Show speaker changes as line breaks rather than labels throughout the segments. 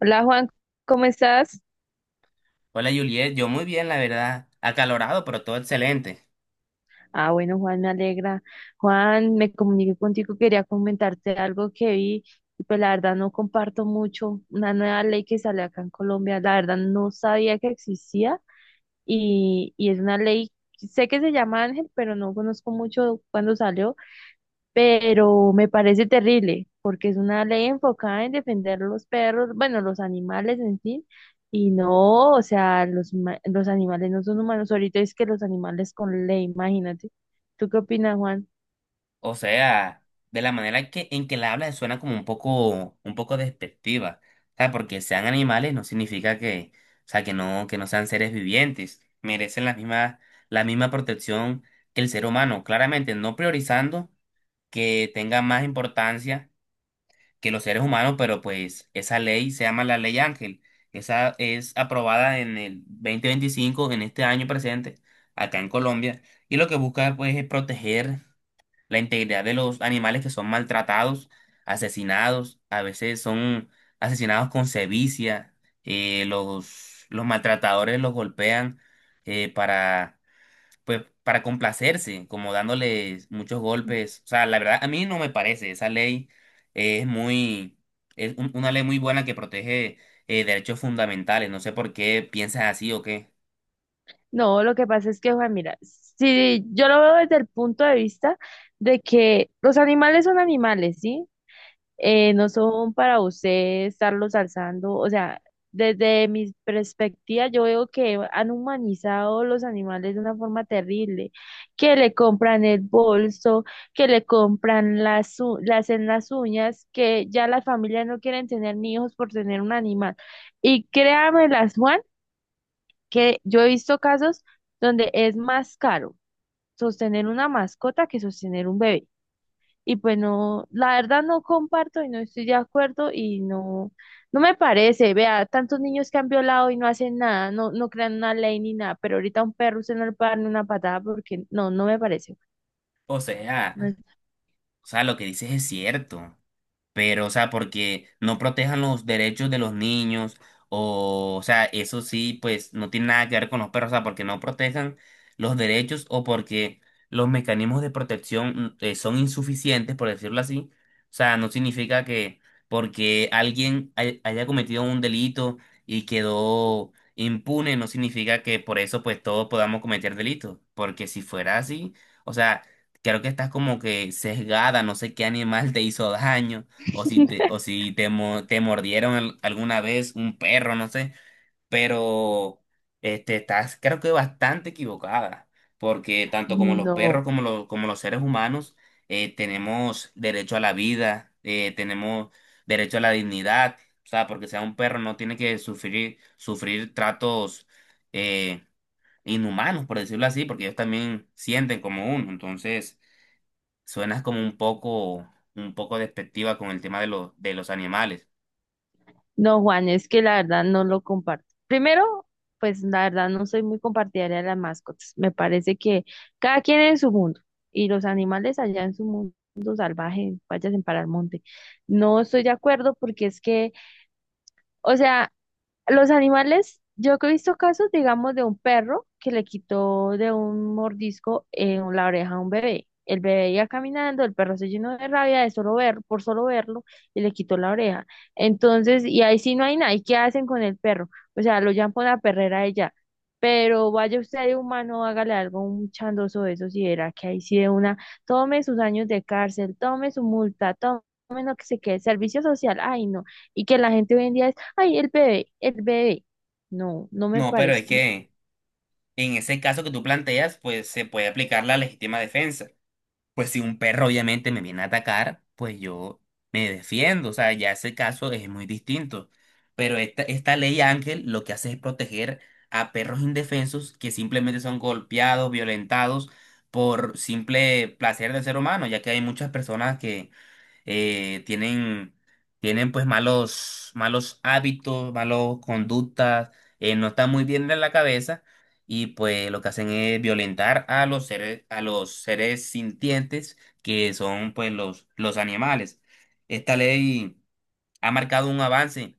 Hola Juan, ¿cómo estás?
Hola Juliet, yo muy bien, la verdad, acalorado, pero todo excelente.
Ah, bueno, Juan, me alegra. Juan, me comuniqué contigo, quería comentarte algo que vi, y pues la verdad no comparto mucho una nueva ley que sale acá en Colombia, la verdad no sabía que existía y es una ley, sé que se llama Ángel, pero no conozco mucho cuándo salió. Pero me parece terrible porque es una ley enfocada en defender los perros, bueno, los animales en sí, y no, o sea, los animales no son humanos, ahorita es que los animales con ley, imagínate. ¿Tú qué opinas, Juan?
O sea, de la manera en que la hablas suena como un poco despectiva. O sea, porque sean animales no significa que, o sea, que no sean seres vivientes. Merecen la misma protección que el ser humano, claramente no priorizando que tenga más importancia que los seres humanos, pero pues esa ley se llama la Ley Ángel. Esa es aprobada en el 2025, en este año presente, acá en Colombia, y lo que busca pues es proteger la integridad de los animales que son maltratados, asesinados, a veces son asesinados con sevicia, los maltratadores los golpean, para pues para complacerse, como dándoles muchos golpes. O sea, la verdad, a mí no me parece. Esa ley es muy, una ley muy buena que protege derechos fundamentales. No sé por qué piensas así o qué.
No, lo que pasa es que, Juan, mira, si yo lo veo desde el punto de vista de que los animales son animales, ¿sí? No son para usted estarlos alzando. O sea, desde mi perspectiva, yo veo que han humanizado los animales de una forma terrible, que le compran el bolso, que le compran le hacen las uñas, que ya las familias no quieren tener ni hijos por tener un animal. Y las Juan, que yo he visto casos donde es más caro sostener una mascota que sostener un bebé. Y pues no, la verdad no comparto y no estoy de acuerdo y no, no me parece, vea, tantos niños que han violado y no hacen nada, no, no crean una ley ni nada, pero ahorita a un perro usted no le puede dar ni una patada porque no, no me parece.
O sea,
No, es-
o sea, lo que dices es cierto, pero, o sea, porque no protejan los derechos de los niños, o sea, eso sí, pues no tiene nada que ver con los perros. O sea, porque no protejan los derechos o porque los mecanismos de protección son insuficientes, por decirlo así. O sea, no significa que porque haya cometido un delito y quedó impune, no significa que por eso pues todos podamos cometer delitos, porque si fuera así, o sea, creo que estás como que sesgada. No sé qué animal te hizo daño o si te mordieron alguna vez un perro, no sé, pero este, estás creo que bastante equivocada, porque tanto como los perros
no.
como los seres humanos tenemos derecho a la vida, tenemos derecho a la dignidad. O sea, porque sea un perro no tiene que sufrir, sufrir tratos eh, inhumanos, por decirlo así, porque ellos también sienten como uno, entonces... Suenas como un poco despectiva con el tema de de los animales.
No, Juan, es que la verdad no lo comparto. Primero, pues la verdad no soy muy compartidaria de las mascotas. Me parece que cada quien en su mundo y los animales allá en su mundo salvaje, vayan para el monte. No estoy de acuerdo porque es que, o sea, los animales, yo que he visto casos, digamos, de un perro que le quitó de un mordisco en la oreja a un bebé. El bebé iba caminando, el perro se llenó de rabia de solo ver, por solo verlo, y le quitó la oreja. Entonces, y ahí sí no hay nada. ¿Y qué hacen con el perro? O sea, lo llaman por la perrera ella. Pero vaya usted de humano, hágale algo, un chandoso de esos, y verá que ahí sí de una, tome sus años de cárcel, tome su multa, tome lo que se quede, servicio social, ay no. Y que la gente hoy en día es Ay, el bebé, el bebé. No, no me
No, pero es
parece. No.
que en ese caso que tú planteas, pues se puede aplicar la legítima defensa. Pues si un perro obviamente me viene a atacar, pues yo me defiendo. O sea, ya ese caso es muy distinto. Pero esta ley Ángel lo que hace es proteger a perros indefensos que simplemente son golpeados, violentados por simple placer del ser humano, ya que hay muchas personas que eh, tienen, tienen pues malos, malos hábitos, malos conductas, no están muy bien de la cabeza, y pues lo que hacen es violentar a los seres sintientes que son pues los animales. Esta ley ha marcado un avance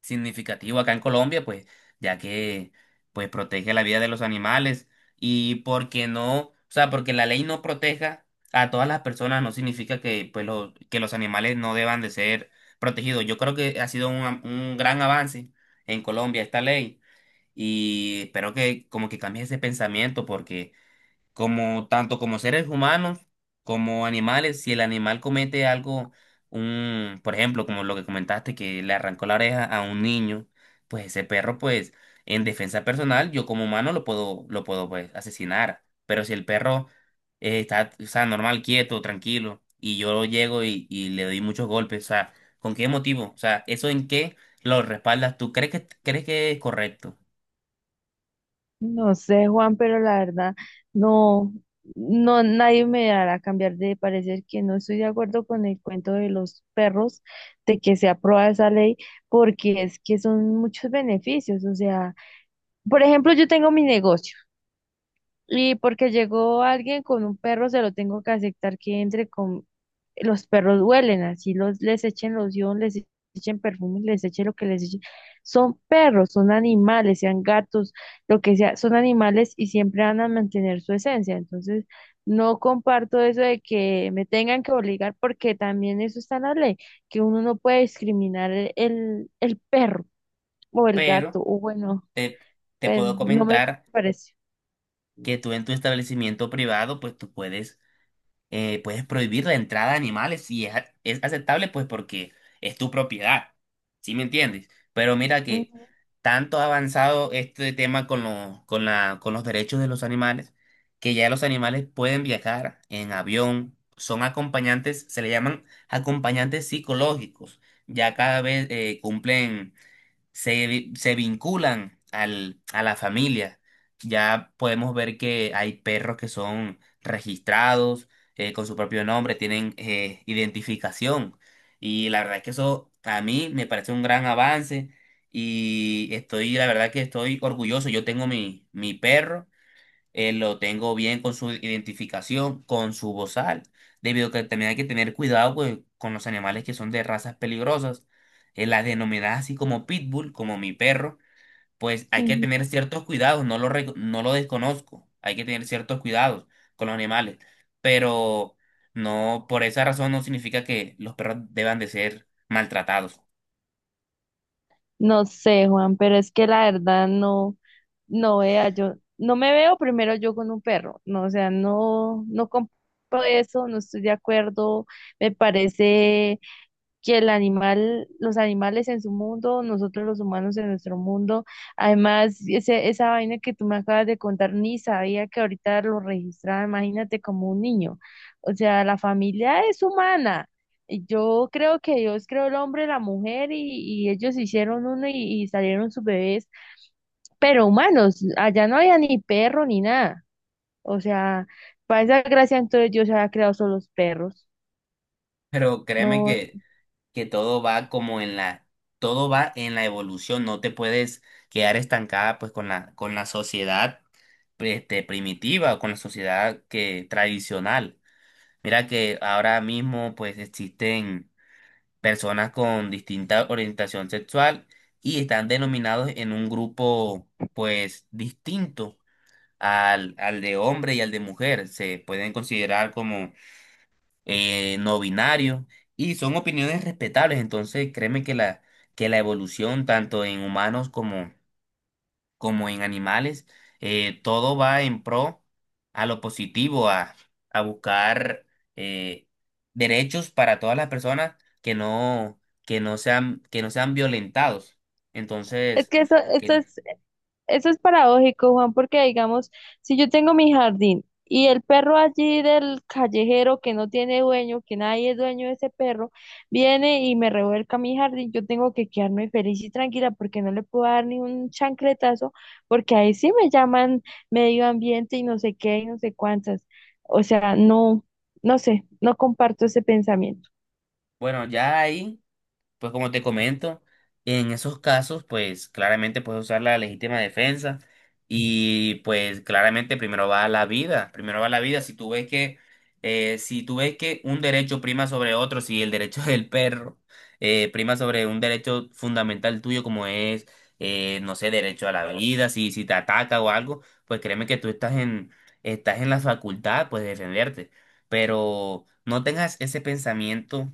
significativo acá en Colombia, pues, ya que pues protege la vida de los animales. Y porque no, o sea, porque la ley no proteja a todas las personas no significa que que los animales no deban de ser protegidos. Yo creo que ha sido un gran avance en Colombia esta ley, y espero que como que cambie ese pensamiento, porque como tanto como seres humanos como animales, si el animal comete algo, un, por ejemplo, como lo que comentaste, que le arrancó la oreja a un niño, pues ese perro, pues, en defensa personal, yo como humano lo puedo, pues, asesinar. Pero si el perro está, o sea, normal, quieto, tranquilo, y yo llego y le doy muchos golpes, o sea, ¿con qué motivo? O sea, ¿eso en qué lo respaldas tú? ¿Crees que es correcto?
No sé, Juan, pero la verdad, no, no, nadie me hará cambiar de parecer que no estoy de acuerdo con el cuento de los perros, de que se aprueba esa ley, porque es que son muchos beneficios. O sea, por ejemplo, yo tengo mi negocio. Y porque llegó alguien con un perro, se lo tengo que aceptar que entre con... Los perros huelen, así los, les echen loción, les echen perfume, les echen lo que les echen. Son perros, son animales, sean gatos, lo que sea, son animales y siempre van a mantener su esencia. Entonces, no comparto eso de que me tengan que obligar, porque también eso está en la ley, que uno no puede discriminar el perro o el gato,
Pero
o bueno,
te, te
pues
puedo
no me
comentar
parece.
que tú en tu establecimiento privado, pues tú puedes, puedes prohibir la entrada de animales si es aceptable, pues porque es tu propiedad, ¿sí me entiendes? Pero mira que tanto ha avanzado este tema con, lo- con, la, con los derechos de los animales, que ya los animales pueden viajar en avión, son acompañantes, se le llaman acompañantes psicológicos, ya cada vez cumplen se vinculan a la familia. Ya podemos ver que hay perros que son registrados, con su propio nombre, tienen, identificación. Y la verdad es que eso a mí me parece un gran avance, y estoy, la verdad que estoy orgulloso. Yo tengo mi perro, lo tengo bien con su identificación, con su bozal, debido a que también hay que tener cuidado pues, con los animales que son de razas peligrosas, las denominadas así como pitbull, como mi perro, pues hay que
Ujú.
tener ciertos cuidados, no lo desconozco, hay que tener ciertos cuidados con los animales, pero no, por esa razón no significa que los perros deban de ser maltratados.
No sé, Juan, pero es que la verdad no, no vea, yo no me veo primero yo con un perro, no, o sea, no, no compro eso, no estoy de acuerdo, me parece que el animal, los animales en su mundo, nosotros los humanos en nuestro mundo. Además, ese, esa vaina que tú me acabas de contar, ni sabía que ahorita lo registraba, imagínate como un niño. O sea, la familia es humana. Y yo creo que Dios creó el hombre, la mujer y ellos hicieron uno y salieron sus bebés, pero humanos, allá no había ni perro ni nada. O sea, para esa gracia entonces Dios había creado solo los perros.
Pero créeme
No,
que que todo va como en la, todo va en la evolución. No te puedes quedar estancada pues con la sociedad este, primitiva, o con la sociedad que tradicional. Mira que ahora mismo pues existen personas con distinta orientación sexual y están denominados en un grupo pues distinto al de hombre y al de mujer. Se pueden considerar como no binario, y son opiniones respetables. Entonces, créeme que que la evolución, tanto en humanos como, como en animales, todo va en pro a lo positivo, a buscar eh, derechos para todas las personas que no, que no sean violentados.
es
Entonces,
que eso
que,
es Eso es paradójico, Juan, porque digamos, si yo tengo mi jardín y el perro allí del callejero que no tiene dueño, que nadie es dueño de ese perro, viene y me revuelca mi jardín, yo tengo que quedarme feliz y tranquila porque no le puedo dar ni un chancletazo, porque ahí sí me llaman medio ambiente y no sé qué y no sé cuántas. O sea, no, no sé, no comparto ese pensamiento.
bueno, ya ahí. Pues como te comento, en esos casos, pues claramente puedes usar la legítima defensa, y pues claramente primero va la vida, primero va la vida. Si tú ves que, si tú ves que un derecho prima sobre otro, si el derecho del perro prima sobre un derecho fundamental tuyo como es, no sé, derecho a la vida, si te ataca o algo, pues créeme que estás en la facultad, pues de defenderte. Pero no tengas ese pensamiento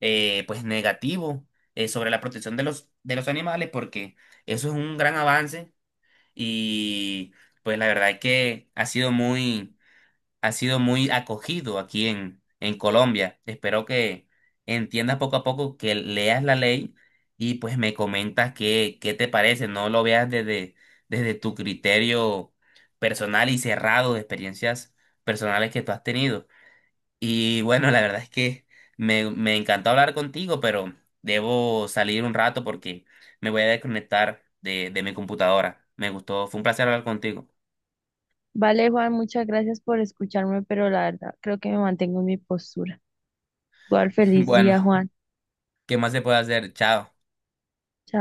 pues negativo, sobre la protección de de los animales, porque eso es un gran avance, y pues la verdad es que ha sido muy acogido aquí en Colombia. Espero que entiendas poco a poco, que leas la ley, y pues me comentas qué te parece. No lo veas desde, desde tu criterio personal y cerrado de experiencias personales que tú has tenido. Y bueno, la verdad es que me encantó hablar contigo, pero debo salir un rato porque me voy a desconectar de mi computadora. Me gustó, fue un placer hablar contigo.
Vale, Juan, muchas gracias por escucharme, pero la verdad creo que me mantengo en mi postura. Igual feliz
Bueno,
día, Juan.
¿qué más se puede hacer? Chao.
Chao.